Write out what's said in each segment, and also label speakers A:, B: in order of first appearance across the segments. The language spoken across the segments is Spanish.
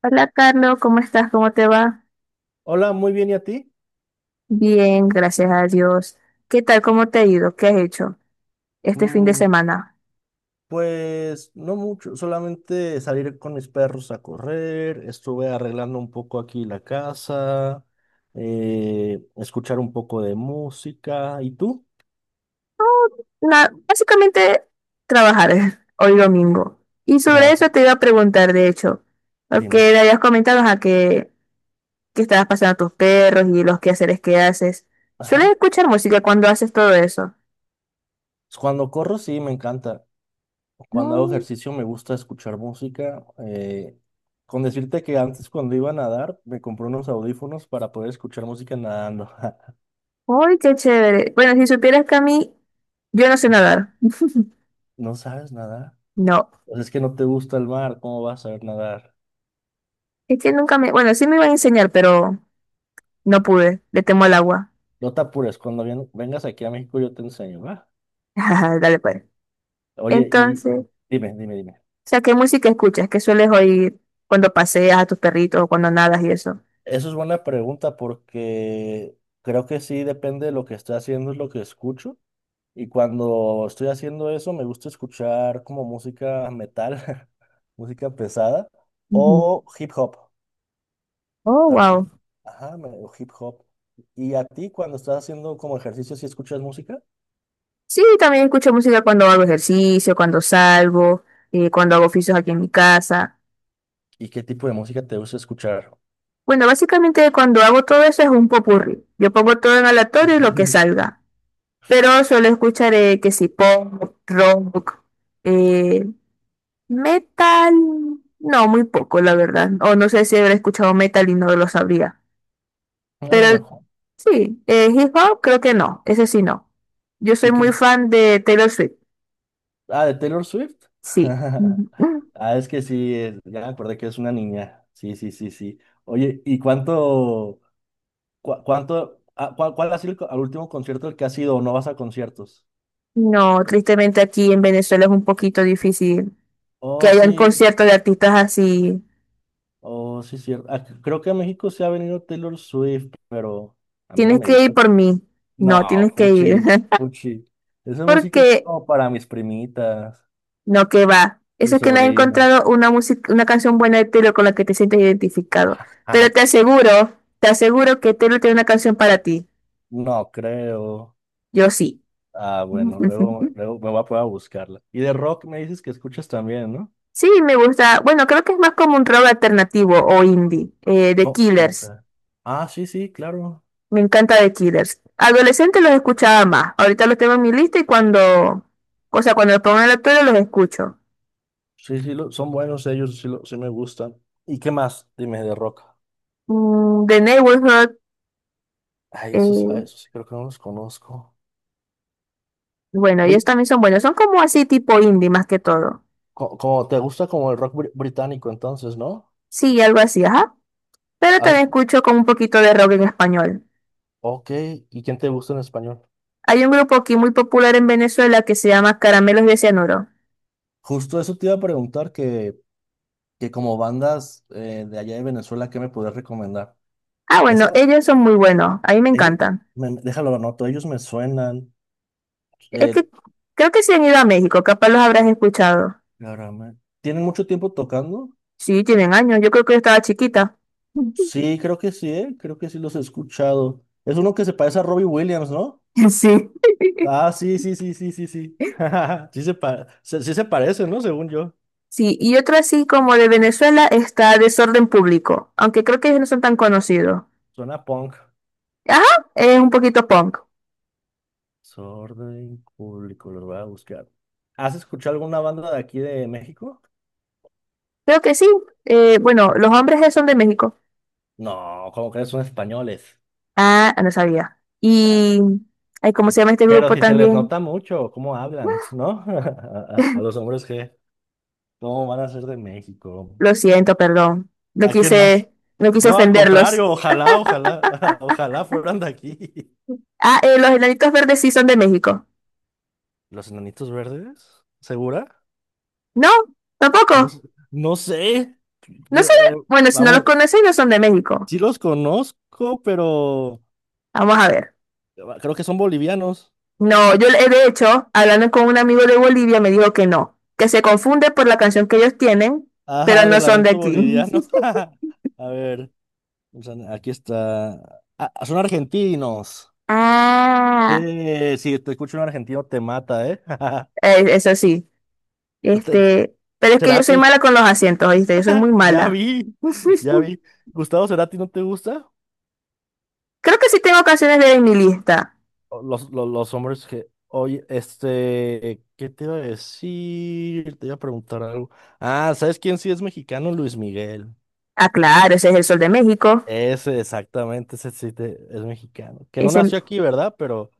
A: Hola Carlos, ¿cómo estás? ¿Cómo te va?
B: Hola, muy bien, ¿y a ti?
A: Bien, gracias a Dios. ¿Qué tal? ¿Cómo te ha ido? ¿Qué has hecho este fin de
B: Mm,
A: semana?
B: pues no mucho, solamente salir con mis perros a correr, estuve arreglando un poco aquí la casa, escuchar un poco de música. ¿Y tú?
A: Nada, básicamente trabajar hoy domingo. Y sobre eso
B: Trabaja,
A: te iba a preguntar, de hecho,
B: dime.
A: porque me habías comentado a que estabas pasando a tus perros y los quehaceres que haces. ¿Sueles
B: Ajá.
A: escuchar música cuando haces todo eso?
B: Cuando corro, sí, me encanta. Cuando hago
A: Mm.
B: ejercicio, me gusta escuchar música. Con decirte que antes, cuando iba a nadar, me compré unos audífonos para poder escuchar música nadando.
A: ¡Uy, qué chévere! Bueno, si supieras que a mí, yo no sé
B: Ajá.
A: nadar.
B: ¿No sabes nadar?
A: No,
B: Pues es que no te gusta el mar, ¿cómo vas a saber nadar?
A: es que nunca me... Bueno, sí me iban a enseñar, pero... No pude, le temo al agua.
B: No te apures, cuando vengas aquí a México yo te enseño, ¿va?
A: Dale, pues.
B: Oye, y
A: Entonces, o
B: dime, dime, dime.
A: sea, ¿qué música escuchas? ¿Qué sueles oír cuando paseas a tus perritos o cuando nadas y eso?
B: Eso es buena pregunta porque creo que sí depende de lo que estoy haciendo, es lo que escucho. Y cuando estoy haciendo eso, me gusta escuchar como música metal, música pesada
A: Ujú.
B: o hip hop
A: Oh,
B: también.
A: wow.
B: Ajá, o hip hop. ¿Y a ti cuando estás haciendo como ejercicio, si escuchas música?
A: Sí, también escucho música cuando hago ejercicio, cuando salgo, cuando hago oficios aquí en mi casa.
B: ¿Y qué tipo de música te gusta escuchar?
A: Bueno, básicamente cuando hago todo eso es un popurrí. Yo pongo todo en aleatorio y lo que salga. Pero suelo escuchar que si pop, rock, eh, metal, no, muy poco, la verdad. O no sé si habrá escuchado metal y no lo sabría.
B: A lo
A: Pero
B: mejor.
A: sí, hip hop creo que no, ese sí no. Yo soy
B: ¿Y qué?
A: muy fan de Taylor Swift,
B: Ah, de Taylor Swift.
A: sí. Ujú.
B: Ah, es que sí, ya me acordé que es una niña. Sí, sí, sí, sí. Oye, ¿y cuánto, cuál ha sido el, co- al último concierto al que has ido o no vas a conciertos?
A: No, tristemente aquí en Venezuela es un poquito difícil que
B: Oh,
A: hayan
B: sí,
A: conciertos de artistas así.
B: oh, sí, cierto. Ah, creo que a México se ha venido Taylor Swift, pero a mí no
A: Tienes
B: me
A: que ir
B: gusta.
A: por mí. No,
B: No,
A: tienes que ir.
B: fuchi, fuchi. Esa música es
A: Porque.
B: como para mis primitas,
A: No, que va.
B: mi
A: Eso es que no has
B: sobrina.
A: encontrado una música, una canción buena de Taylor con la que te sientes identificado. Pero te aseguro que Taylor tiene una canción para ti.
B: No creo.
A: Yo sí.
B: Ah, bueno, luego, luego me voy a poner buscarla. Y de rock me dices que escuchas también, ¿no?
A: Sí, me gusta. Bueno, creo que es más como un rock alternativo o indie. The
B: No, ¿cómo que?
A: Killers.
B: Ah, sí, sí, claro.
A: Me encanta The Killers. Adolescente los escuchaba más. Ahorita los tengo en mi lista y cuando, o sea, cuando los pongo en la tele los escucho.
B: Sí, sí, son buenos ellos, sí, sí me gustan. ¿Y qué más? Dime de rock.
A: The Neighborhood. eh,
B: Ay, esos sí creo que no los conozco.
A: bueno, ellos
B: Oye,
A: también son buenos. Son como así tipo indie más que todo.
B: como te gusta como el rock británico entonces, ¿no?
A: Sí, algo así, ajá. Pero
B: Has-
A: también escucho como un poquito de rock en español.
B: ok, ¿y quién te gusta en español?
A: Hay un grupo aquí muy popular en Venezuela que se llama Caramelos de Cianuro.
B: Justo eso te iba a preguntar que, como bandas de allá de Venezuela, ¿qué me puedes recomendar?
A: Ah, bueno,
B: Esa,
A: ellos son muy buenos. A mí me
B: ellos,
A: encantan.
B: déjalo, lo anoto, ellos me suenan.
A: Es
B: Eh,
A: que creo que se han ido a México, capaz los habrás escuchado.
B: Ahora, ¿tienen mucho tiempo tocando?
A: Sí, tienen años. Yo creo que yo estaba chiquita.
B: Sí, creo que sí, ¿eh? Creo que sí los he escuchado. Es uno que se parece a Robbie Williams, ¿no?
A: Sí.
B: Ah, sí, sí, sí, sí, sí, sí. Sí se parece, ¿no? Según yo.
A: Sí, y otro así como de Venezuela está Desorden Público, aunque creo que ellos no son tan conocidos.
B: Suena punk.
A: Ajá, es un poquito punk.
B: Desorden público, los voy a buscar. ¿Has escuchado alguna banda de aquí de México?
A: Creo que sí. Bueno, los hombres son de México.
B: No, como que son españoles.
A: Ah, no sabía.
B: Ah,
A: Y, ay, ¿cómo se llama este
B: pero
A: grupo
B: si te les
A: también?
B: nota mucho cómo hablan, ¿no? A los hombres que, ¿cómo van a ser de México?
A: Lo siento, perdón. No
B: ¿A quién más?
A: quise, no quise
B: No, al
A: ofenderlos.
B: contrario, ojalá, ojalá, ojalá fueran de aquí.
A: Ah, los enanitos verdes sí son de México.
B: ¿Los enanitos verdes? ¿Segura?
A: No,
B: No,
A: tampoco.
B: sé. No sé.
A: No sé. Bueno, si no los
B: Vamos,
A: conocen, no son de México.
B: sí los conozco, pero
A: Vamos a ver.
B: creo que son bolivianos.
A: No, de hecho, hablando con un amigo de Bolivia, me dijo que no, que se confunde por la canción que ellos tienen, pero
B: Ajá,
A: no
B: del
A: son de
B: lamento
A: aquí.
B: boliviano. A ver, o sea, aquí está. Ah, son argentinos.
A: Ah,
B: Si te escucho un argentino te mata, ¿eh?
A: eso sí.
B: Te-
A: Este, pero es que yo soy
B: Cerati,
A: mala con los asientos, ¿viste? Yo soy muy
B: ya
A: mala.
B: vi, ya vi. Gustavo Cerati, ¿no te gusta?
A: Creo que sí tengo canciones de mi lista.
B: Los hombres que, oye, este, ¿qué te iba a decir? Te iba a preguntar algo. Ah, ¿sabes quién sí es mexicano? Luis Miguel.
A: Ah, claro, ese es el Sol de México.
B: Ese, exactamente, ese sí es mexicano. Que no
A: Ese,
B: nació aquí, ¿verdad? Pero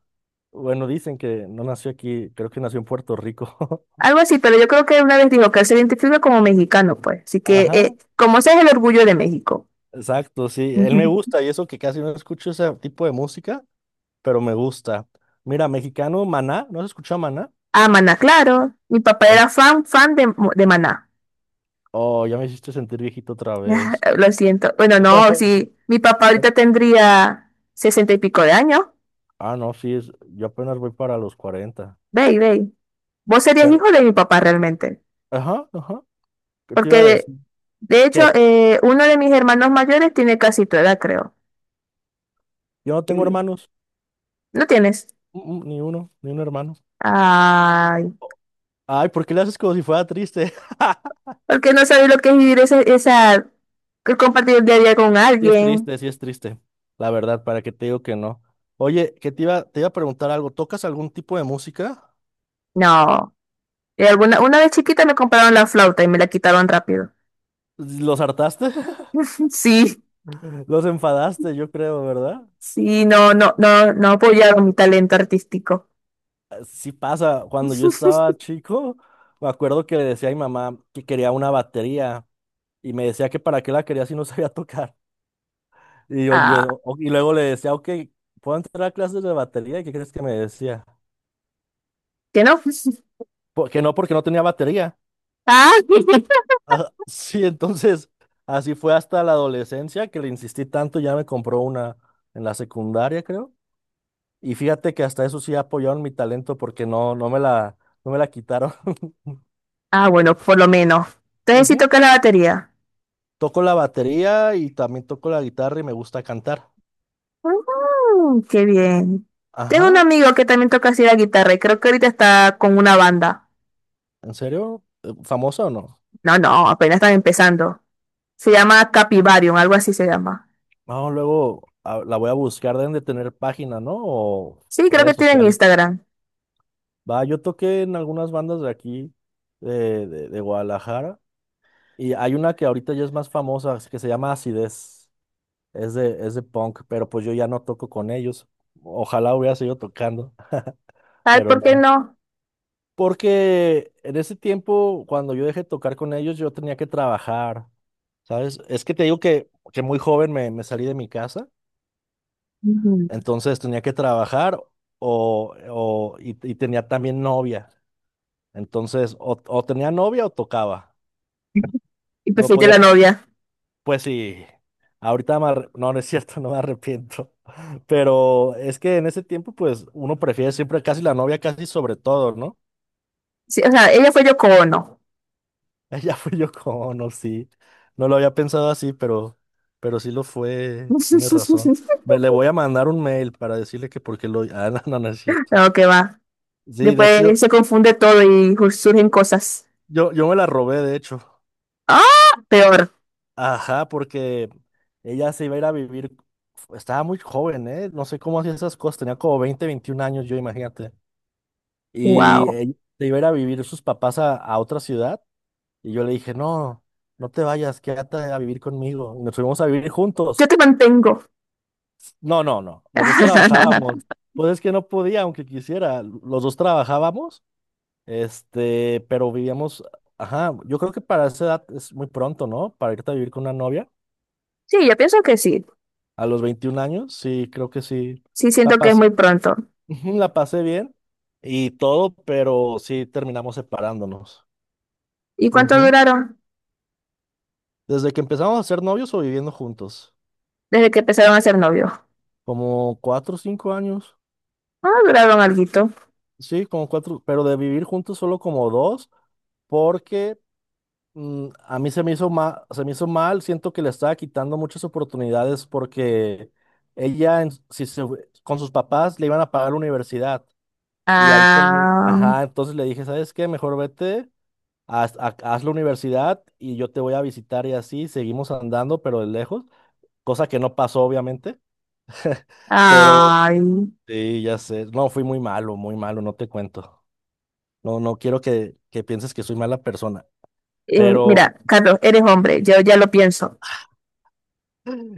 B: bueno, dicen que no nació aquí, creo que nació en Puerto Rico.
A: algo así, pero yo creo que una vez dijo que él se identifica como mexicano, pues. Así que,
B: Ajá,
A: como ese es el orgullo de México.
B: exacto, sí. Él me
A: Ujú.
B: gusta y eso que casi no escucho ese tipo de música, pero me gusta. Mira, mexicano, Maná, ¿no has escuchado Maná?
A: Ah, Maná, claro. Mi papá
B: Es-
A: era fan de Maná.
B: Oh, ya me hiciste sentir viejito otra vez.
A: Lo siento. Bueno, no, sí. Mi papá ahorita tendría 60 y pico de años.
B: Ah, no, sí, es, yo apenas voy para los 40.
A: Ve, ve. Vos serías
B: Pero,
A: hijo de mi papá realmente.
B: ajá, ajá, ¿qué te
A: Porque
B: iba a decir?
A: de hecho,
B: ¿Qué?
A: uno de mis hermanos mayores tiene casi tu edad, creo.
B: Yo no tengo
A: Sí.
B: hermanos.
A: ¿No tienes?
B: Mm, mm, ni uno, ni un hermano.
A: Ay,
B: Ay, ¿por qué le haces como si fuera triste?
A: porque no sabes lo que es vivir esa, que compartir el día a día con
B: Sí es
A: alguien.
B: triste, sí es triste. La verdad, ¿para qué te digo que no? Oye, que te iba a preguntar algo. ¿Tocas algún tipo de música?
A: No. Y alguna, una vez chiquita me compraron la flauta y me la quitaron rápido.
B: ¿Los hartaste?
A: Sí.
B: Los enfadaste, yo creo, ¿verdad?
A: Sí, no, no, no, no apoyaron mi talento artístico.
B: Ah, sí pasa. Cuando yo estaba chico, me acuerdo que le decía a mi mamá que quería una batería y me decía que para qué la quería si no sabía tocar. Y, yo,
A: Ah,
B: yo- o- y luego le decía, ok, ¿puedo entrar a clases de batería? ¿Y qué crees que me decía?
A: ¿que no?
B: " Que no, porque no tenía batería.
A: Ah,
B: Ah, sí, entonces así fue hasta la adolescencia que le insistí tanto, ya me compró una en la secundaria, creo. Y fíjate que hasta eso sí apoyaron mi talento porque no, no me la quitaron.
A: ah, bueno, por lo menos. Entonces sí
B: Ujú.
A: toca la batería.
B: Toco la batería y también toco la guitarra y me gusta cantar.
A: Mm, qué bien. Tengo un
B: Ajá,
A: amigo que también toca así la guitarra y creo que ahorita está con una banda.
B: ¿en serio? ¿Famoso o no?
A: No, no, apenas están empezando. Se llama Capivarium, algo así se llama.
B: No, luego la voy a buscar, deben de tener página, ¿no? O
A: Sí, creo que
B: redes
A: tienen
B: sociales.
A: Instagram.
B: Va, yo toqué en algunas bandas de aquí, de Guadalajara, y hay una que ahorita ya es más famosa, que se llama Acidez. Es de punk, pero pues yo ya no toco con ellos. Ojalá hubiera seguido tocando,
A: Ay,
B: pero
A: ¿por qué
B: no.
A: no?
B: Porque en ese tiempo, cuando yo dejé de tocar con ellos, yo tenía que trabajar, ¿sabes? Es que te digo que, muy joven me salí de mi casa.
A: Ujú.
B: Entonces tenía que trabajar y tenía también novia. Entonces, o tenía novia o tocaba.
A: Y
B: No
A: perfilé
B: podía,
A: la novia.
B: pues sí, ahorita me no, no es cierto, no me arrepiento. Pero es que en ese tiempo, pues uno prefiere siempre casi la novia, casi sobre todo, ¿no?
A: Sí, o sea, ella fue Yoko Ono.
B: Ella fui yo con, no, sí. No lo había pensado así, pero, sí lo fue. Tienes razón. Le voy a mandar un mail para decirle que porque lo... Ah, no, no, no es cierto.
A: No, que va.
B: Sí, de hecho, yo,
A: Después se confunde todo y surgen cosas.
B: yo, yo me la robé, de hecho.
A: ¡Ah! Peor.
B: Ajá, porque ella se iba a ir a vivir, estaba muy joven, ¿eh? No sé cómo hacía esas cosas, tenía como 20 21 años, yo imagínate. Y
A: Wow.
B: ella se iba a ir a vivir sus papás a, otra ciudad y yo le dije, no, no te vayas, quédate a vivir conmigo. Y nos fuimos a vivir
A: Yo
B: juntos.
A: te mantengo.
B: No, no, no, los dos trabajábamos. Pues es que no podía, aunque quisiera, los dos trabajábamos, este, pero vivíamos, ajá, yo creo que para esa edad es muy pronto, ¿no? Para irte a vivir con una novia.
A: Sí, yo pienso que sí.
B: A los 21 años, sí, creo que sí.
A: Sí,
B: La
A: siento que es
B: pas-
A: muy pronto.
B: ujú, la pasé bien y todo, pero sí terminamos separándonos.
A: ¿Y cuánto
B: Ujú.
A: duraron
B: Desde que empezamos a ser novios o viviendo juntos,
A: desde que empezaron a ser novios?
B: como 4 o 5 años.
A: Ah, duraron alguito.
B: Sí, como cuatro, pero de vivir juntos solo como dos, porque a mí se me hizo mal, se me hizo mal, siento que le estaba quitando muchas oportunidades porque ella, en- si se fue- con sus papás le iban a pagar la universidad. Y ahí con,
A: Ah,
B: ajá, entonces le dije, ¿sabes qué? Mejor vete haz la universidad y yo te voy a visitar y así seguimos andando, pero de lejos, cosa que no pasó obviamente, pero
A: ay.
B: sí, ya sé, no, fui muy malo, no te cuento. No, no quiero que pienses que soy mala persona, pero
A: Mira, Carlos, eres hombre, yo ya lo pienso.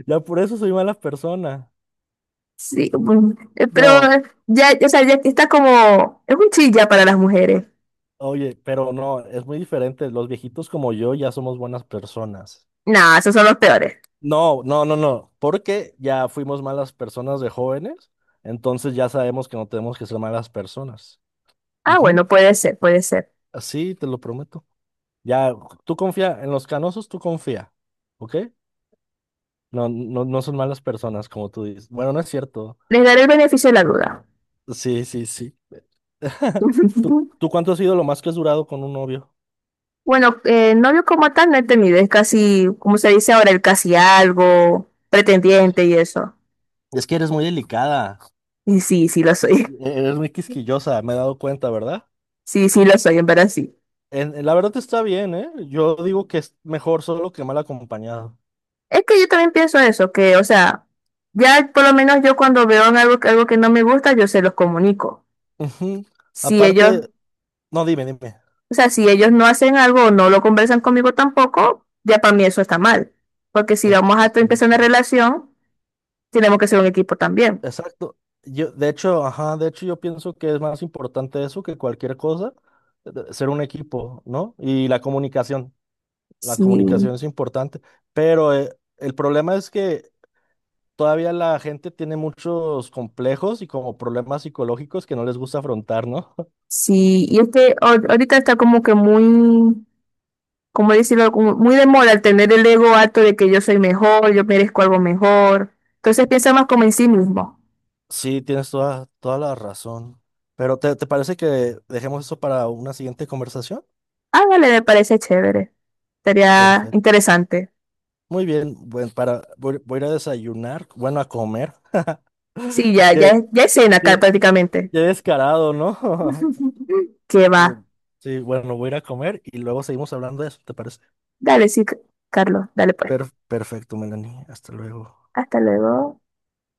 B: ya por eso soy mala persona.
A: Sí, pero
B: No,
A: ya, o sea, ya está como, es un chilla para las mujeres.
B: oye, pero no, es muy diferente, los viejitos como yo ya somos buenas personas.
A: Nah, esos son los peores.
B: No, no, no, no, porque ya fuimos malas personas de jóvenes, entonces ya sabemos que no tenemos que ser malas personas.
A: Ah,
B: Ujú.
A: bueno, puede ser, puede ser.
B: Sí, te lo prometo. Ya, tú confía, en los canosos tú confía, ¿ok? No, no, no son malas personas, como tú dices. Bueno, no es cierto.
A: Les daré el beneficio de la duda.
B: Sí, sí, sí. ¿Tú, tú cuánto has sido lo más que has durado con un novio?
A: Bueno, novio como tal no he tenido, es casi, como se dice ahora, el casi algo, pretendiente y eso.
B: Es que eres muy delicada,
A: Y sí, sí lo soy.
B: eres muy quisquillosa, me he dado cuenta, ¿verdad?
A: Sí, sí, lo soy, en verdad sí.
B: La verdad está bien, ¿eh? Yo digo que es mejor solo que mal acompañado.
A: Es que yo también pienso eso, que, o sea, ya por lo menos yo cuando veo en algo, algo que no me gusta, yo se los comunico.
B: Ujú.
A: Si ellos,
B: Aparte, no, dime, dime.
A: o sea, si ellos no hacen algo o no lo conversan conmigo tampoco, ya para mí eso está mal. Porque si
B: Es-
A: vamos a empezar una relación, tenemos que ser un equipo también.
B: Exacto. Yo, de hecho, ajá, de hecho yo pienso que es más importante eso que cualquier cosa, ser un equipo, ¿no? Y la comunicación, la
A: Sí,
B: comunicación es importante, pero el problema es que todavía la gente tiene muchos complejos y como problemas psicológicos que no les gusta afrontar, ¿no?
A: sí. Y es que ahorita está como que muy, como decirlo, como muy de moda el tener el ego alto de que yo soy mejor, yo merezco algo mejor. Entonces piensa más como en sí mismo.
B: Sí, tienes toda la razón. Pero ¿te parece que dejemos eso para una siguiente conversación?
A: Ándale, me parece chévere. Estaría
B: Perfecto.
A: interesante.
B: Muy bien, bueno, para, voy a ir a desayunar, bueno, a comer.
A: Sí, ya,
B: Que,
A: ya, ya es cena acá
B: que-
A: prácticamente.
B: qué descarado, ¿no?
A: Que va.
B: Mm, sí, bueno, voy a ir a comer y luego seguimos hablando de eso, ¿te parece?
A: Dale, sí, Carlos, dale pues.
B: Perfecto, Melanie. Hasta luego.
A: Hasta luego.